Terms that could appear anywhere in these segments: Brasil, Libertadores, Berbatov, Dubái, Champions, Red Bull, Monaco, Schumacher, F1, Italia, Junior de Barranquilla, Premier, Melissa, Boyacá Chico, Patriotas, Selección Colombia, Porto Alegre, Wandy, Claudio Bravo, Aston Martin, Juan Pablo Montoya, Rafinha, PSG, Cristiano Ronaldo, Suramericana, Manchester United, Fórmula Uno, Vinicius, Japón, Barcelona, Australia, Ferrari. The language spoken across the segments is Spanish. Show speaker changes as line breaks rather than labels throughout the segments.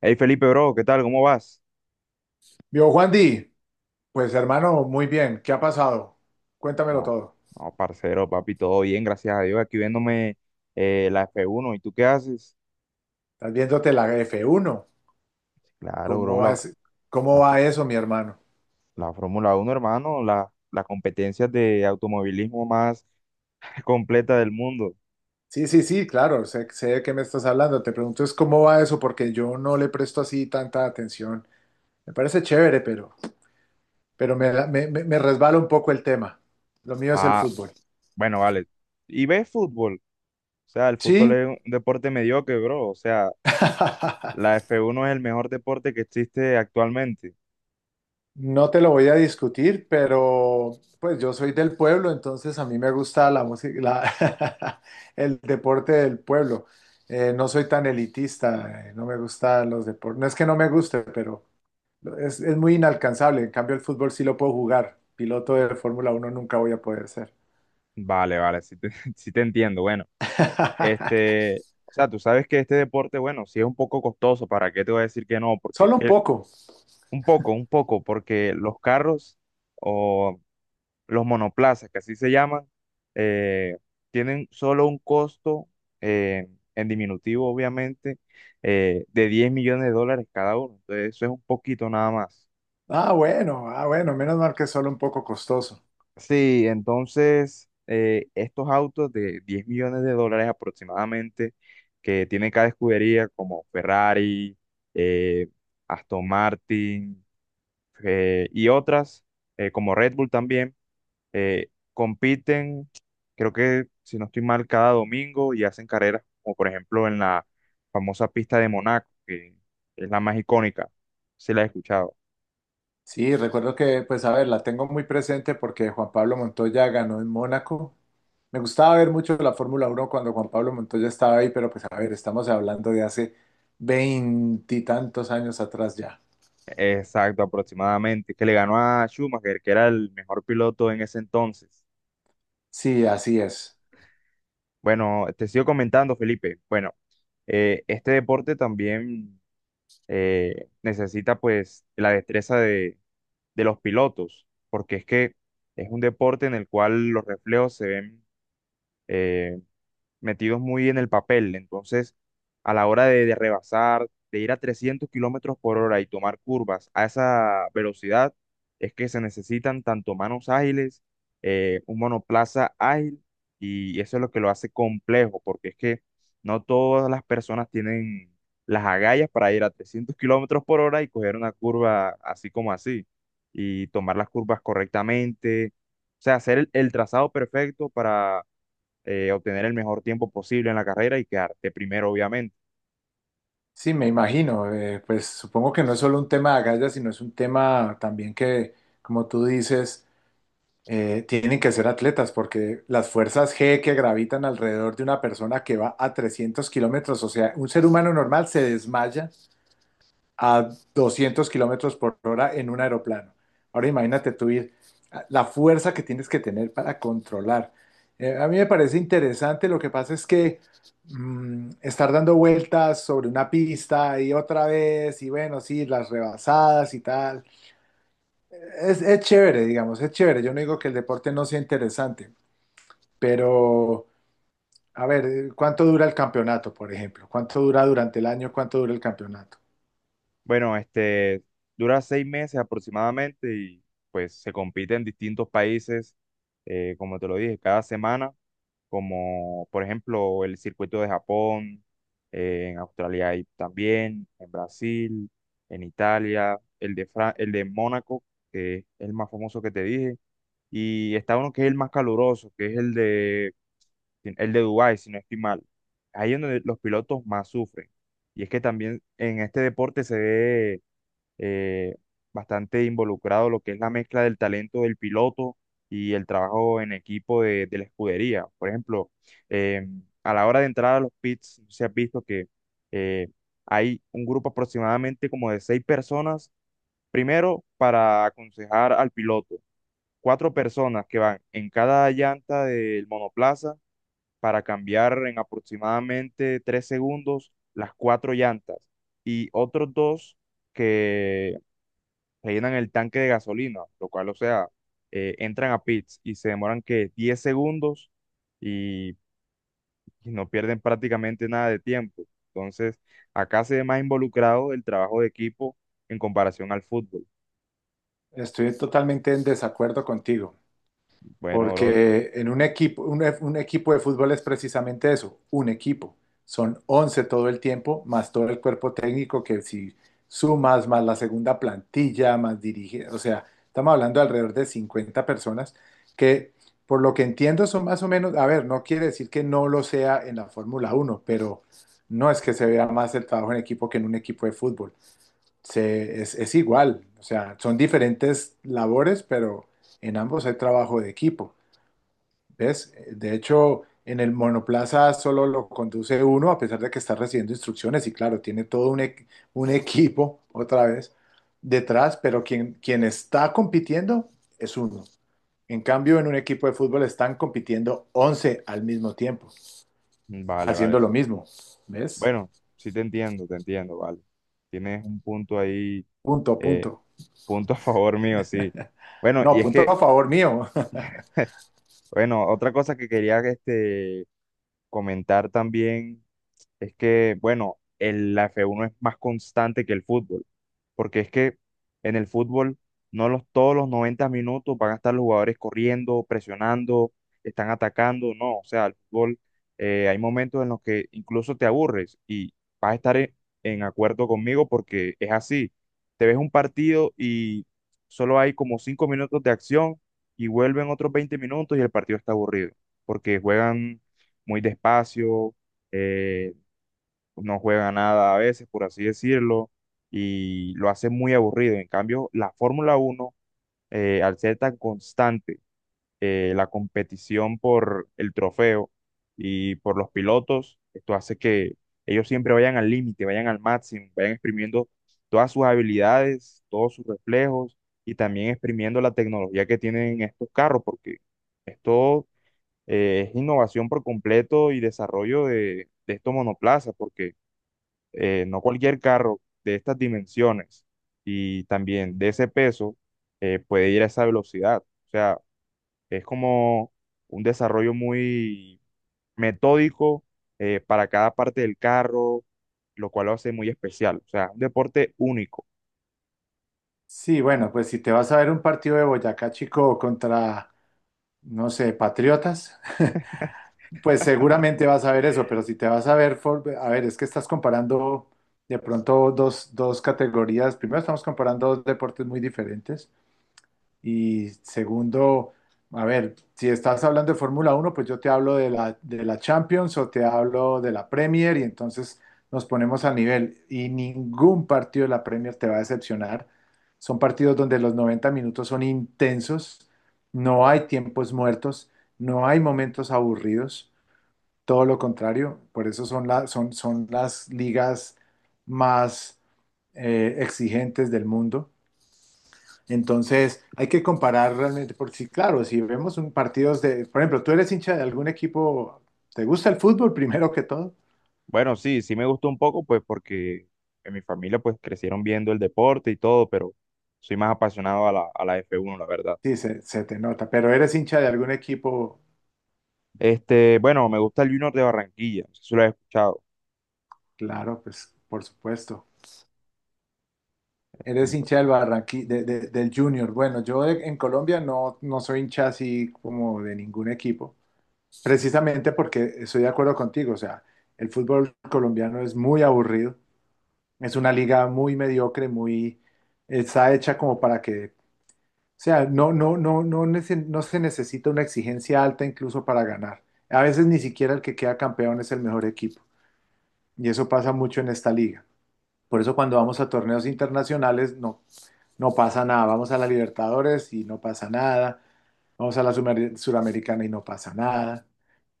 Hey Felipe, bro, ¿qué tal? ¿Cómo vas?
Vio Juan Di, pues hermano, muy bien, ¿qué ha pasado? Cuéntamelo
No,
todo.
no, parcero, papi, todo bien, gracias a Dios. Aquí viéndome la F1, ¿y tú qué haces?
Estás viéndote la F1.
Claro,
¿Cómo
bro,
va, cómo
la,
va
fr-
eso, mi hermano?
la Fórmula Uno hermano, la competencia de automovilismo más completa del mundo.
Sí, sí, sí, claro, sé de qué me estás hablando. Te pregunto es cómo va eso, porque yo no le presto así tanta atención. Me parece chévere, pero me resbala un poco el tema. Lo mío es el
Ah,
fútbol.
bueno, vale. ¿Y ves fútbol? O sea, el fútbol
Sí.
es un deporte mediocre, bro. O sea, la F1 es el mejor deporte que existe actualmente.
No te lo voy a discutir, pero pues yo soy del pueblo, entonces a mí me gusta la música, el deporte del pueblo. No soy tan elitista, no me gustan los deportes. No es que no me guste, pero es muy inalcanzable. En cambio, el fútbol sí lo puedo jugar. Piloto de Fórmula uno nunca voy a poder ser.
Vale, vale, sí te, sí te entiendo. Bueno, este, o sea, tú sabes que este deporte, bueno, sí es un poco costoso, ¿para qué te voy a decir que no? Porque es
Solo un
que
poco.
un poco, porque los carros o los monoplazas, que así se llaman, eh, tienen solo un costo eh, en diminutivo, obviamente, de 10 millones de dólares cada uno. Entonces, eso es un poquito nada más.
Ah, bueno, ah, bueno, menos mal que es solo un poco costoso.
Sí, entonces estos autos de 10 millones de dólares aproximadamente que tiene cada escudería como Ferrari, eh, Aston Martin y otras como Red Bull también eh, compiten, creo que si no estoy mal, cada domingo y hacen carreras como por ejemplo en la famosa pista de Monaco, que es la más icónica, se la he escuchado.
Sí, recuerdo que, pues a ver, la tengo muy presente porque Juan Pablo Montoya ganó en Mónaco. Me gustaba ver mucho la Fórmula Uno cuando Juan Pablo Montoya estaba ahí, pero pues a ver, estamos hablando de hace veintitantos años atrás ya.
Exacto, aproximadamente, que le ganó a Schumacher, que era el mejor piloto en ese entonces.
Sí, así es.
Bueno, te sigo comentando, Felipe. Bueno, este deporte también necesita pues la destreza de los pilotos, porque es que es un deporte en el cual los reflejos se ven eh, metidos muy en el papel. Entonces, a la hora de rebasar, de ir a 300 kilómetros por hora y tomar curvas a esa velocidad, es que se necesitan tanto manos ágiles, un monoplaza ágil, y eso es lo que lo hace complejo, porque es que no todas las personas tienen las agallas para ir a 300 kilómetros por hora y coger una curva así como así, y tomar las curvas correctamente. O sea, hacer el trazado perfecto para obtener el mejor tiempo posible en la carrera y quedarte primero, obviamente.
Sí, me imagino. Pues supongo que no es solo un tema de agallas, sino es un tema también que, como tú dices, tienen que ser atletas, porque las fuerzas G que gravitan alrededor de una persona que va a 300 kilómetros, o sea, un ser humano normal se desmaya a 200 kilómetros por hora en un aeroplano. Ahora imagínate tú ir, la fuerza que tienes que tener para controlar. A mí me parece interesante, lo que pasa es que estar dando vueltas sobre una pista y otra vez, y bueno, sí, las rebasadas y tal, es chévere, digamos, es chévere. Yo no digo que el deporte no sea interesante, pero. A ver, ¿cuánto dura el campeonato, por ejemplo? ¿Cuánto dura durante el año? ¿Cuánto dura el campeonato?
Bueno, este dura 6 meses aproximadamente y pues se compite en distintos países, como te lo dije, cada semana, como por ejemplo el circuito de Japón, en Australia hay también, en Brasil, en Italia, el de Mónaco, que es el más famoso que te dije. Y está uno que es el más caluroso, que es el de Dubái, si no estoy mal. Ahí es donde los pilotos más sufren. Y es que también en este deporte se ve eh, bastante involucrado lo que es la mezcla del talento del piloto y el trabajo en equipo de la escudería. Por ejemplo, eh, a la hora de entrar a los pits, se ha visto que eh, hay un grupo aproximadamente como de seis personas, primero para aconsejar al piloto, cuatro personas que van en cada llanta del monoplaza para cambiar en aproximadamente 3 segundos las cuatro llantas y otros dos que rellenan el tanque de gasolina, lo cual, o sea, entran a pits y se demoran que 10 segundos y, y no pierden prácticamente nada de tiempo. Entonces, acá se ve más involucrado el trabajo de equipo en comparación al fútbol.
Estoy totalmente en desacuerdo contigo.
Bueno, bro,
Porque en un equipo, un equipo de fútbol es precisamente eso, un equipo. Son 11 todo el tiempo, más todo el cuerpo técnico que si sumas, más la segunda plantilla, más dirige, o sea, estamos hablando de alrededor de 50 personas que, por lo que entiendo, son más o menos, a ver, no quiere decir que no lo sea en la Fórmula Uno, pero no es que se vea más el trabajo en equipo que en un equipo de fútbol. Es igual, o sea, son diferentes labores, pero en ambos hay trabajo de equipo. ¿Ves? De hecho, en el monoplaza solo lo conduce uno, a pesar de que está recibiendo instrucciones, y claro, tiene todo un equipo, otra vez, detrás, pero quien está compitiendo es uno. En cambio, en un equipo de fútbol están compitiendo 11 al mismo tiempo,
mm, vale, vale.
haciendo lo mismo, ¿ves?
Bueno, sí te entiendo, vale. Tienes un punto ahí
Punto,
eh,
punto.
Punto a favor mío, sí. Bueno,
No,
y es
punto
que,
a favor mío.
bueno, otra cosa que quería este, comentar también es que, bueno, la F1 es más constante que el fútbol. Porque es que en el fútbol no los, todos los 90 minutos van a estar los jugadores corriendo, presionando, están atacando, no, o sea, el fútbol hay momentos en los que incluso te aburres y vas a estar en acuerdo conmigo porque es así, te ves un partido y solo hay como 5 minutos de acción y vuelven otros 20 minutos y el partido está aburrido, porque juegan muy despacio, eh, no juega nada a veces, por así decirlo, y lo hace muy aburrido. En cambio, la Fórmula Uno, al ser tan constante, la competición por el trofeo y por los pilotos, esto hace que ellos siempre vayan al límite, vayan al máximo, vayan exprimiendo todas sus habilidades, todos sus reflejos y también exprimiendo la tecnología que tienen estos carros, porque esto es innovación por completo y desarrollo de estos monoplazas, porque no cualquier carro de estas dimensiones y también de ese peso puede ir a esa velocidad. O sea, es como un desarrollo muy metódico para cada parte del carro, lo cual lo hace muy especial. O sea, un deporte único.
Sí, bueno, pues si te vas a ver un partido de Boyacá Chico contra, no sé, Patriotas, pues seguramente vas a ver eso, pero si te vas a ver, a ver, es que estás comparando de pronto dos categorías. Primero, estamos comparando dos deportes muy diferentes. Y segundo, a ver, si estás hablando de Fórmula uno, pues yo te hablo de la Champions o te hablo de la Premier y entonces nos ponemos a nivel. Y ningún partido de la Premier te va a decepcionar. Son partidos donde los 90 minutos son intensos, no hay tiempos muertos, no hay momentos aburridos. Todo lo contrario, por eso son las ligas más exigentes del mundo. Entonces, hay que comparar realmente, porque sí, claro, si vemos un partidos de, por ejemplo, tú eres hincha de algún equipo, ¿te gusta el fútbol primero que todo?
Bueno, sí, sí me gustó un poco, pues porque en mi familia pues crecieron viendo el deporte y todo, pero soy más apasionado a la F1 la verdad.
Sí, se te nota, pero eres hincha de algún equipo,
Este, bueno, me gusta el Junior de Barranquilla, no sé si lo has escuchado.
claro, pues por supuesto. Eres
Ento-
hincha del Junior. Bueno, en Colombia no, no soy hincha así como de ningún equipo. Precisamente porque estoy de acuerdo contigo, o sea, el fútbol colombiano es muy aburrido, es una liga muy mediocre, muy está hecha como para que, o sea, no, no, no, no, no se necesita una exigencia alta incluso para ganar. A veces ni siquiera el que queda campeón es el mejor equipo, y eso pasa mucho en esta liga. Por eso cuando vamos a torneos internacionales no, no pasa nada, vamos a la Libertadores y no pasa nada, vamos a la Suramericana y no pasa nada,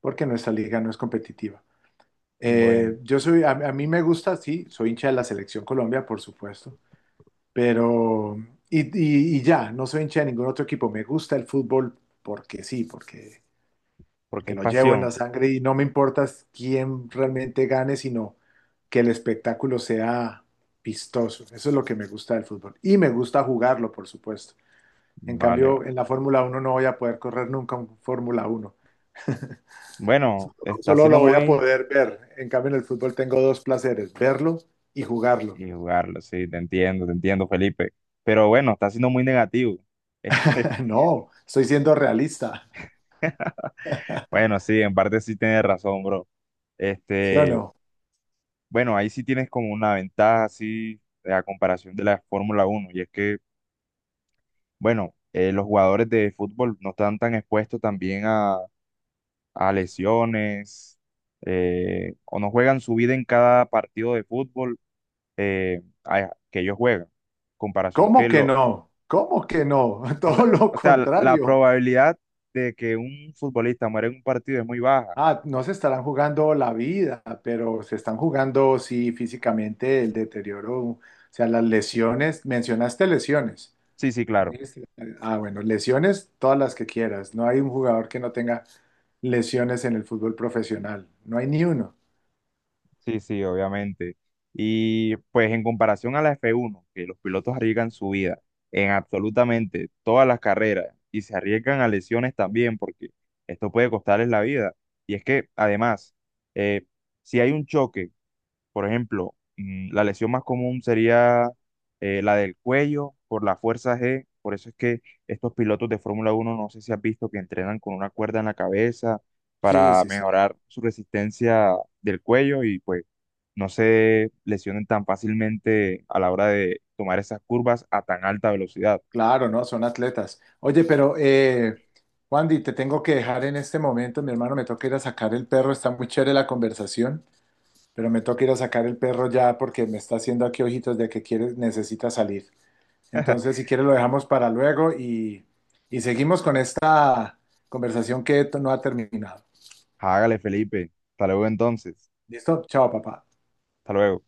porque nuestra liga no es competitiva.
bueno.
A mí me gusta, sí, soy hincha de la Selección Colombia, por supuesto, pero, y ya, no soy hincha de ningún otro equipo, me gusta el fútbol porque sí, porque,
Porque
porque
es
lo llevo en la
pasión.
sangre y no me importa quién realmente gane, sino que el espectáculo sea vistoso, eso es lo que me gusta del fútbol, y me gusta jugarlo, por supuesto. En
Vale.
cambio, en la Fórmula Uno no voy a poder correr nunca un Fórmula Uno,
Bueno, está
solo lo
siendo
voy a
muy.
poder ver, en cambio en el fútbol tengo dos placeres, verlo y jugarlo.
Y jugarlo, sí, te entiendo, Felipe. Pero bueno, está siendo muy negativo.
No, estoy siendo realista,
Bueno, sí, en parte sí tienes razón, bro.
¿sí o
Este,
no?
bueno, ahí sí tienes como una ventaja así a comparación de la Fórmula Uno. Y es que, bueno, los jugadores de fútbol no están tan expuestos también a lesiones o no juegan su vida en cada partido de fútbol que ellos juegan. Comparación que
¿Cómo que
lo,
no? ¿Cómo que no?
o sea,
Todo lo
o sea, la
contrario.
probabilidad de que un futbolista muera en un partido es muy baja.
Ah, no se estarán jugando la vida, pero se están jugando, sí, físicamente el deterioro, o sea, las lesiones. Mencionaste lesiones.
Sí, sí,
¿No
claro.
dijiste? Ah, bueno, lesiones todas las que quieras. No hay un jugador que no tenga lesiones en el fútbol profesional. No hay ni uno.
Sí, sí, obviamente. Y pues en comparación a la F1 que los pilotos arriesgan su vida en absolutamente todas las carreras y se arriesgan a lesiones también, porque esto puede costarles la vida. Y es que además, eh, si hay un choque. Por ejemplo, la lesión más común sería la del cuello por la fuerza G. Por eso es que estos pilotos de Fórmula uno no sé si has visto que entrenan con una cuerda en la cabeza
Sí,
para
sí, sí.
mejorar su resistencia del cuello y pues no se lesionen tan fácilmente a la hora de tomar esas curvas a tan alta velocidad.
Claro, ¿no? Son atletas. Oye, pero, Wandy, te tengo que dejar en este momento. Mi hermano, me toca ir a sacar el perro. Está muy chévere la conversación, pero me toca ir a sacar el perro ya porque me está haciendo aquí ojitos de que quiere, necesita salir. Entonces, si quieres, lo dejamos para luego y seguimos con esta conversación que no ha terminado.
Hágale, Felipe. Hasta luego entonces.
¿Listo? Chao, papá.
Hasta luego.